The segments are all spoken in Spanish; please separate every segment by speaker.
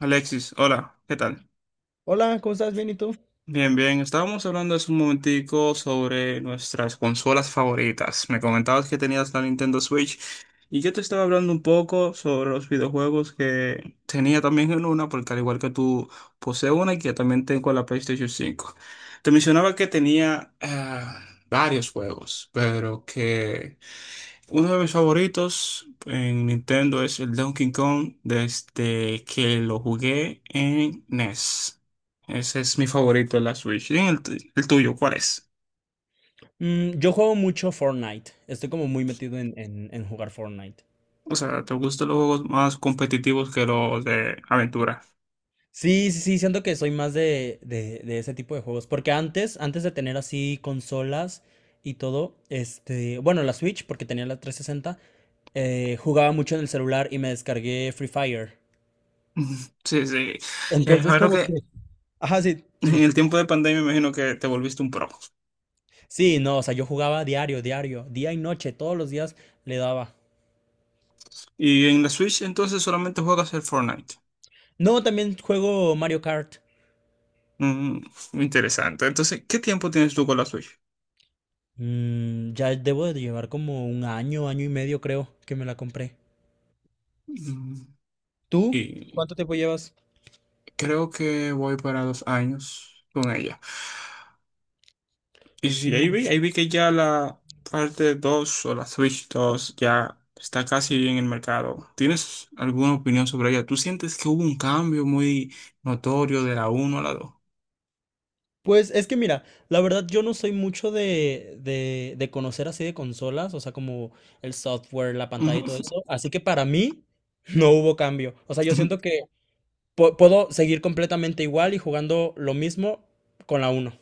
Speaker 1: Alexis, hola, ¿qué tal?
Speaker 2: Hola, ¿cómo estás? ¿Bien y tú?
Speaker 1: Bien, bien, estábamos hablando hace un momentico sobre nuestras consolas favoritas. Me comentabas que tenías la Nintendo Switch y yo te estaba hablando un poco sobre los videojuegos que tenía también en una, porque al igual que tú poseo una y que también tengo la PlayStation cinco. Te mencionaba que tenía varios juegos, pero que uno de mis favoritos en Nintendo es el Donkey Kong desde que lo jugué en NES. Ese es mi favorito de la Switch. ¿Y el tuyo, cuál es?
Speaker 2: Yo juego mucho Fortnite. Estoy como muy metido en jugar Fortnite.
Speaker 1: O sea, ¿te gustan los juegos más competitivos que los de aventura?
Speaker 2: Sí, sí, sí, siento que soy más de ese tipo de juegos. Porque antes de tener así consolas y todo, este, bueno, la Switch, porque tenía la 360, jugaba mucho en el celular y me descargué Free Fire.
Speaker 1: Sí, sí.
Speaker 2: Entonces,
Speaker 1: Claro
Speaker 2: como que.
Speaker 1: que
Speaker 2: Ajá, sí,
Speaker 1: en
Speaker 2: dime.
Speaker 1: el tiempo de pandemia me imagino que te volviste un pro.
Speaker 2: Sí, no, o sea, yo jugaba diario, diario, día y noche, todos los días le daba.
Speaker 1: Y en la Switch entonces solamente juegas el Fortnite.
Speaker 2: No, también juego Mario Kart.
Speaker 1: Mm, interesante. Entonces, ¿qué tiempo tienes tú con la Switch?
Speaker 2: Ya debo de llevar como un año, año y medio creo que me la compré.
Speaker 1: Mm,
Speaker 2: ¿Tú?
Speaker 1: Y
Speaker 2: ¿Cuánto tiempo llevas?
Speaker 1: Creo que voy para dos años con ella. Y sí,
Speaker 2: Mm,
Speaker 1: ahí vi que ya la parte 2 o la Switch dos ya está casi en el mercado. ¿Tienes alguna opinión sobre ella? ¿Tú sientes que hubo un cambio muy notorio de la uno a la dos?
Speaker 2: Pues es que mira, la verdad yo no soy mucho de conocer así de consolas, o sea, como el software, la pantalla y todo
Speaker 1: Ujú.
Speaker 2: eso. Así que para mí no hubo cambio. O sea, yo siento que puedo seguir completamente igual y jugando lo mismo con la uno.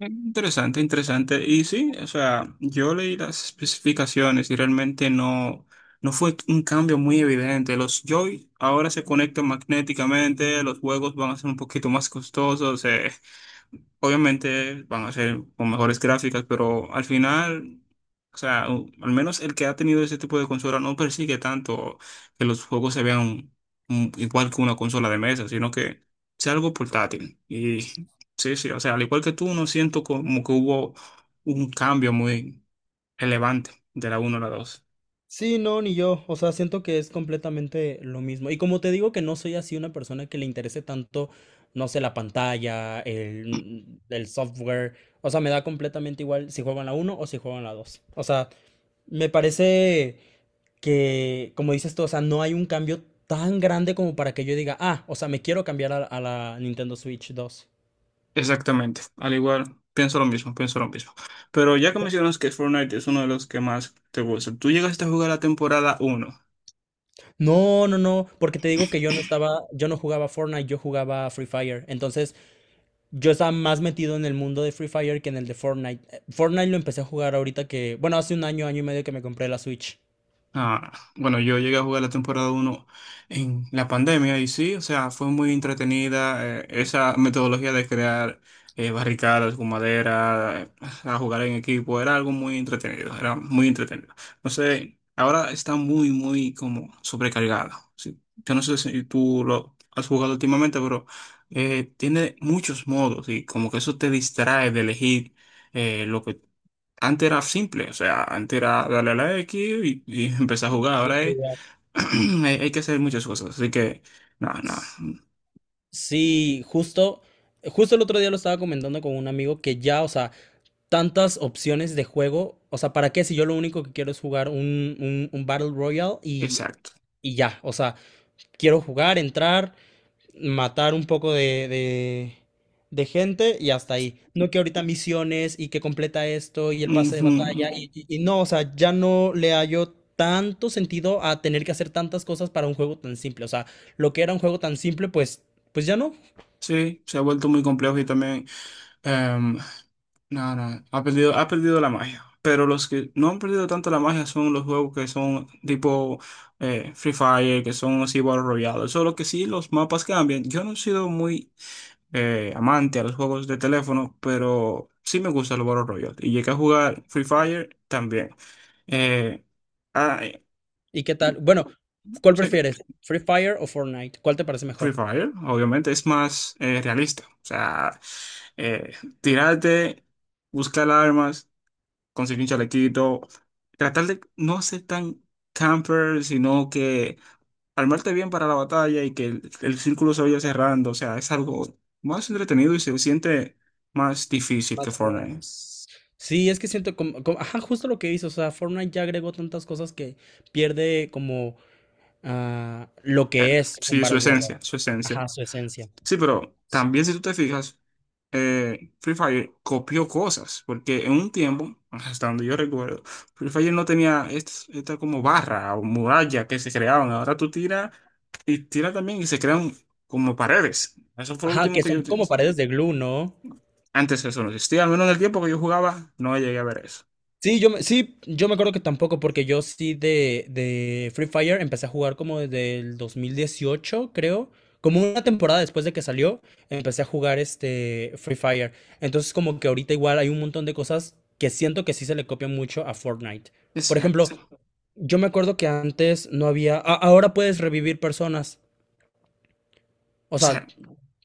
Speaker 1: Interesante, interesante. Y sí, o sea, yo leí las especificaciones y realmente no fue un cambio muy evidente. Los Joy ahora se conectan magnéticamente, los juegos van a ser un poquito más costosos. Obviamente van a ser con mejores gráficas, pero al final, o sea, al menos el que ha tenido ese tipo de consola no persigue tanto que los juegos se vean igual que una consola de mesa, sino que sea algo portátil. Y sí, sí, o sea, al igual que tú, no siento como que hubo un cambio muy elevante de la uno a la dos.
Speaker 2: Sí, no, ni yo. O sea, siento que es completamente lo mismo. Y como te digo que no soy así una persona que le interese tanto, no sé, la pantalla, el software. O sea, me da completamente igual si juegan la uno o si juegan la 2. O sea, me parece que, como dices tú, o sea, no hay un cambio tan grande como para que yo diga, ah, o sea, me quiero cambiar a la Nintendo Switch 2.
Speaker 1: Exactamente, al igual, pienso lo mismo, pienso lo mismo. Pero ya que mencionas que Fortnite es uno de los que más te gusta, ¿tú llegaste a jugar la temporada uno?
Speaker 2: No, no, no, porque te digo que yo no estaba, yo no jugaba Fortnite, yo jugaba Free Fire. Entonces, yo estaba más metido en el mundo de Free Fire que en el de Fortnite. Fortnite lo empecé a jugar ahorita que, bueno, hace un año, año y medio que me compré la Switch.
Speaker 1: Ah, bueno, yo llegué a jugar la temporada uno en la pandemia y sí, o sea, fue muy entretenida esa metodología de crear barricadas con madera, a jugar en equipo, era algo muy entretenido, era muy entretenido. No sé, ahora está muy, muy como sobrecargada. Sí. Yo no sé si tú lo has jugado últimamente, pero tiene muchos modos y como que eso te distrae de elegir lo que antes era simple, o sea, antes era darle a la X y empezar a jugar.
Speaker 2: Y
Speaker 1: Ahora hay,
Speaker 2: jugar.
Speaker 1: hay que hacer muchas cosas, así que, no, no,
Speaker 2: S- Sí, justo el otro día lo estaba comentando con un amigo que ya, o sea, tantas opciones de juego, o sea, ¿para qué si yo lo único que quiero es jugar un Battle Royale y,
Speaker 1: exacto.
Speaker 2: y ya, o sea, quiero jugar, entrar, matar un poco de gente y hasta ahí. No que ahorita misiones y que completa esto y el pase de
Speaker 1: Ujú.
Speaker 2: batalla y no, o sea, ya no le hallo tanto sentido a tener que hacer tantas cosas para un juego tan simple. O sea, lo que era un juego tan simple, pues ya no.
Speaker 1: Sí, se ha vuelto muy complejo y también, em, no, ha perdido la magia. Pero los que no han perdido tanto la magia son los juegos que son tipo Free Fire, que son así Battle Royale. Solo que sí, los mapas cambian. Yo no he sido muy amante a los juegos de teléfono, pero sí me gusta el Battle Royale. Y llegué a jugar Free Fire también. Eh, ah, eh,
Speaker 2: ¿Y qué tal? Bueno, ¿cuál
Speaker 1: sí,
Speaker 2: prefieres? ¿Free Fire o Fortnite? ¿Cuál te parece
Speaker 1: Free
Speaker 2: mejor?
Speaker 1: Fire, obviamente, es más realista. O sea, eh, tirarte, buscar armas, conseguir un chalequito, tratar de no ser tan camper, sino que armarte bien para la batalla y que el círculo se vaya cerrando. O sea, es algo más entretenido y se siente más difícil
Speaker 2: Más
Speaker 1: que Fortnite.
Speaker 2: reales. Sí, es que siento ajá, justo lo que dices, o sea, Fortnite ya agregó tantas cosas que pierde como lo que
Speaker 1: ¿Cierto?
Speaker 2: es un
Speaker 1: Sí, su
Speaker 2: Battle Royale.
Speaker 1: esencia, su esencia.
Speaker 2: Ajá, su esencia.
Speaker 1: Sí, pero también si tú te fijas, Free Fire copió cosas, porque en un tiempo, hasta donde yo recuerdo, Free Fire no tenía esta, como barra o muralla que se creaban. Ahora tú tiras y tiras también y se crean como paredes. Eso fue lo
Speaker 2: Ajá,
Speaker 1: último
Speaker 2: que
Speaker 1: que yo...
Speaker 2: son como paredes de glue, ¿no?
Speaker 1: Antes eso no existía, al menos en el tiempo que yo jugaba, no llegué a ver eso.
Speaker 2: Sí, yo me acuerdo que tampoco, porque yo sí de Free Fire empecé a jugar como desde el 2018, creo. Como una temporada después de que salió, empecé a jugar este Free Fire. Entonces, como que ahorita igual hay un montón de cosas que siento que sí se le copian mucho a Fortnite. Por ejemplo,
Speaker 1: Exacto.
Speaker 2: yo me acuerdo que antes no había. Ahora puedes revivir personas. O
Speaker 1: O sea,
Speaker 2: sea,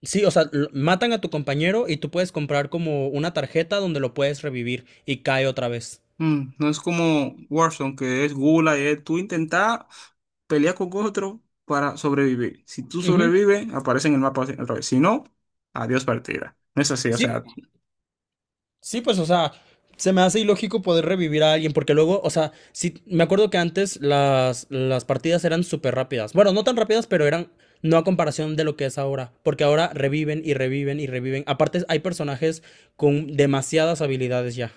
Speaker 2: sí, o sea, matan a tu compañero y tú puedes comprar como una tarjeta donde lo puedes revivir y cae otra vez.
Speaker 1: mm, no es como Warzone, que es gula y es tú intentar pelear con otro para sobrevivir. Si tú
Speaker 2: Ujú.
Speaker 1: sobrevives, aparece en el mapa otra vez. Si no, adiós partida. No es así, o
Speaker 2: Sí,
Speaker 1: sea,
Speaker 2: sí, pues, o sea, se me hace ilógico poder revivir a alguien porque luego, o sea, sí, me acuerdo que antes las partidas eran súper rápidas. Bueno, no tan rápidas, pero eran no a comparación de lo que es ahora, porque ahora reviven y reviven y reviven. Aparte, hay personajes con demasiadas habilidades ya.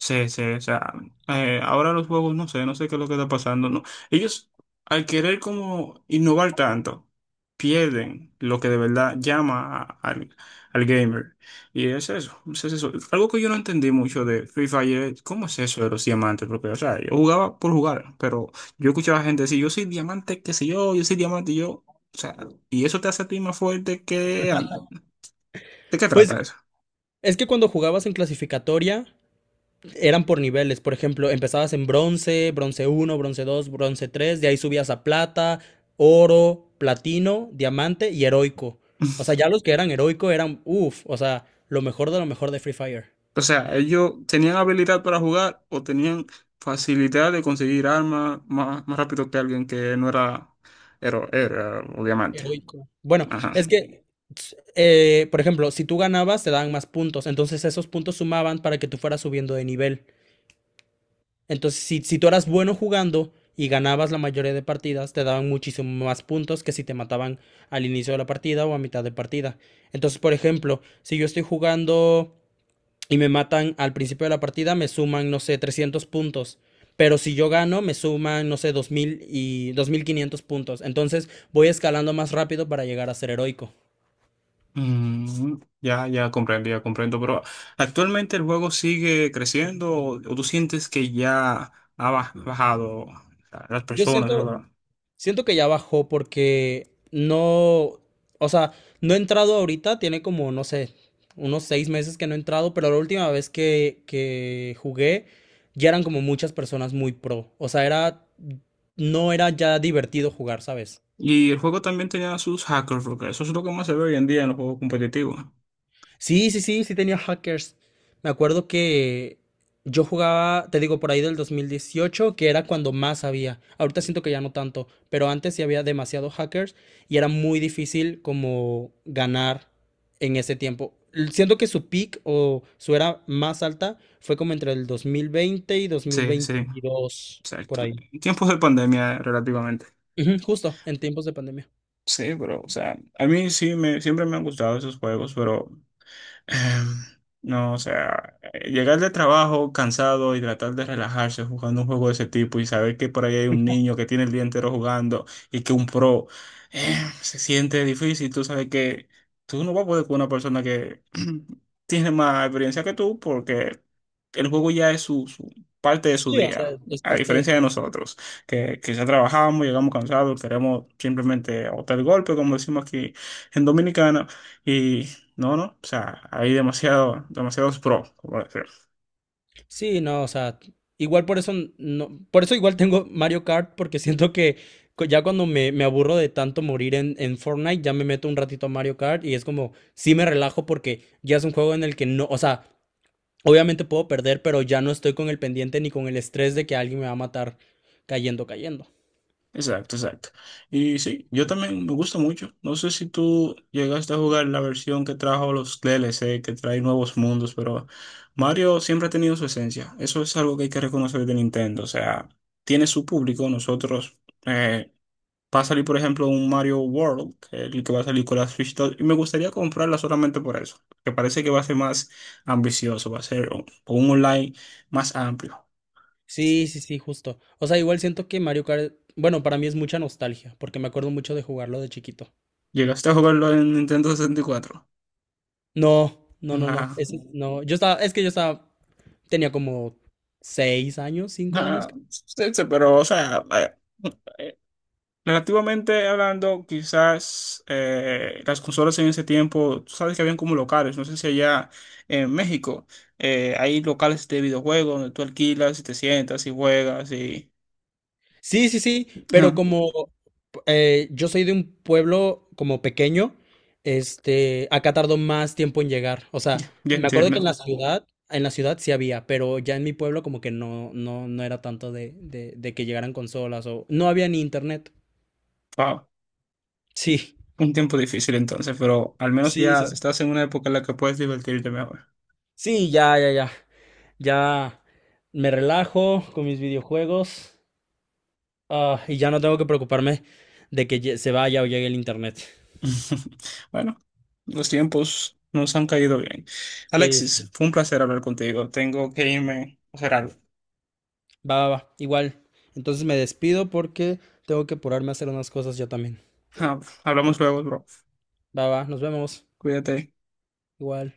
Speaker 1: sí, sí, o sea, ahora los juegos, no sé, no sé qué es lo que está pasando, ¿no? Ellos, al querer como innovar tanto, pierden lo que de verdad llama al, al gamer. Y es eso, es eso. Algo que yo no entendí mucho de Free Fire, es, ¿cómo es eso de los diamantes? Porque, o sea, yo jugaba por jugar, pero yo escuchaba gente decir, yo soy diamante, qué sé yo, yo soy diamante, y yo, o sea, y eso te hace a ti más fuerte que... ¿De qué
Speaker 2: Pues
Speaker 1: trata eso?
Speaker 2: es que cuando jugabas en clasificatoria eran por niveles, por ejemplo, empezabas en bronce, bronce uno, bronce dos, bronce tres, de ahí subías a plata, oro, platino, diamante y heroico. O sea, ya los que eran heroico eran, uff, o sea, lo mejor de Free Fire.
Speaker 1: O sea, ellos tenían habilidad para jugar o tenían facilidad de conseguir armas más, más rápido que alguien que no era héroe, era obviamente.
Speaker 2: Heroico. Bueno,
Speaker 1: Ajá.
Speaker 2: es que, por ejemplo, si tú ganabas, te daban más puntos, entonces esos puntos sumaban para que tú fueras subiendo de nivel. Entonces, si tú eras bueno jugando y ganabas la mayoría de partidas, te daban muchísimo más puntos que si te mataban al inicio de la partida o a mitad de partida. Entonces, por ejemplo, si yo estoy jugando y me matan al principio de la partida, me suman, no sé, 300 puntos. Pero si yo gano, me suman, no sé, 2000 y 2500 puntos. Entonces voy escalando más rápido para llegar a ser heroico.
Speaker 1: Mm, ya, ya comprendí, ya comprendo. Pero actualmente el juego sigue creciendo o tú sientes que ya ha bajado las
Speaker 2: Yo
Speaker 1: personas,
Speaker 2: siento,
Speaker 1: ¿verdad?
Speaker 2: Siento que ya bajó porque no, o sea, no he entrado ahorita, tiene como, no sé, unos 6 meses que no he entrado, pero la última vez que jugué ya eran como muchas personas muy pro. O sea, era, no era ya divertido jugar, ¿sabes?
Speaker 1: Y el juego también tenía sus hackers, porque eso es lo que más se ve hoy en día en los juegos competitivos.
Speaker 2: Sí, sí, sí, sí tenía hackers. Me acuerdo que yo jugaba, te digo, por ahí del 2018, que era cuando más había. Ahorita siento que ya no tanto, pero antes sí había demasiados hackers y era muy difícil como ganar en ese tiempo. Siento que su peak o su era más alta fue como entre el 2020 y
Speaker 1: Sí, sí,
Speaker 2: 2022, por
Speaker 1: exacto.
Speaker 2: ahí.
Speaker 1: En tiempos de pandemia, relativamente.
Speaker 2: Ujú, justo, en tiempos de pandemia.
Speaker 1: Sí, pero, o sea, a mí sí me, siempre me han gustado esos juegos, pero Em, no, o sea, llegar de trabajo cansado y tratar de relajarse jugando un juego de ese tipo y saber que por ahí hay un niño que tiene el día entero jugando y que un pro se siente difícil. Tú sabes que tú no vas a poder con una persona que tiene más experiencia que tú porque el juego ya es su, su parte de su
Speaker 2: Sí, o sea,
Speaker 1: día,
Speaker 2: es
Speaker 1: a
Speaker 2: parte de
Speaker 1: diferencia
Speaker 2: eso.
Speaker 1: de nosotros, que quizá trabajamos, llegamos cansados, queremos simplemente botar el golpe, como decimos aquí en Dominicana. No, no, o sea, hay demasiado, demasiados pros, por decir.
Speaker 2: Sí, no, o sea, igual por eso no, por eso igual tengo Mario Kart, porque siento que ya cuando me aburro de tanto morir en Fortnite, ya me meto un ratito a Mario Kart y es como, sí me relajo porque ya es un juego en el que no, o sea, obviamente puedo perder, pero ya no estoy con el pendiente ni con el estrés de que alguien me va a matar cayendo, cayendo.
Speaker 1: Exacto, exacto. Y sí, yo también me gusta mucho. No sé si tú llegaste a jugar la versión que trajo los DLC, que trae nuevos mundos, pero Mario siempre ha tenido su esencia. Eso es algo que hay que reconocer de Nintendo. O sea, tiene su público. Nosotros, eh, va a salir, por ejemplo, un Mario World, que es el que va a salir con la Switch 2, y me gustaría comprarla solamente por eso, que parece que va a ser más ambicioso, va a ser un online más amplio.
Speaker 2: Sí, sí, sí, justo. O sea, igual siento que Mario Kart, bueno, para mí es mucha nostalgia, porque me acuerdo mucho de jugarlo de chiquito.
Speaker 1: Llegaste a jugarlo en Nintendo 64.
Speaker 2: No, no, no, no.
Speaker 1: Ah,
Speaker 2: Ese, no, yo estaba, es que yo estaba tenía como 6 años, 5 años.
Speaker 1: sí, sí, pero, o sea, eh, relativamente hablando, quizás las consolas en ese tiempo, tú sabes que habían como locales, no sé si allá en México hay locales de videojuegos donde tú alquilas y te sientas y juegas y...
Speaker 2: Sí, sí, sí, pero
Speaker 1: Ah,
Speaker 2: como yo soy de un pueblo como pequeño, este, acá tardó más tiempo en llegar. O sea,
Speaker 1: ya, ya
Speaker 2: me acuerdo
Speaker 1: entiendo.
Speaker 2: que en la ciudad sí había, pero ya en mi pueblo como que no, no, no era tanto de que llegaran consolas o no había ni internet.
Speaker 1: Wow,
Speaker 2: Sí,
Speaker 1: un tiempo difícil entonces, pero al menos
Speaker 2: sí,
Speaker 1: ya
Speaker 2: sí, sí.
Speaker 1: estás en una época en la que puedes divertirte mejor.
Speaker 2: Sí, ya, ya, ya. Ya me relajo con mis videojuegos. Ah, y ya no tengo que preocuparme de que se vaya o llegue el internet.
Speaker 1: Bueno, los tiempos nos han caído bien.
Speaker 2: Sí, sí.
Speaker 1: Alexis, fue un placer hablar contigo. Tengo que irme a hacer algo.
Speaker 2: Va, va, va. Igual. Entonces me despido porque tengo que apurarme a hacer unas cosas ya también.
Speaker 1: Ah, hablamos luego, bro.
Speaker 2: Va, va. Nos vemos.
Speaker 1: Cuídate.
Speaker 2: Igual.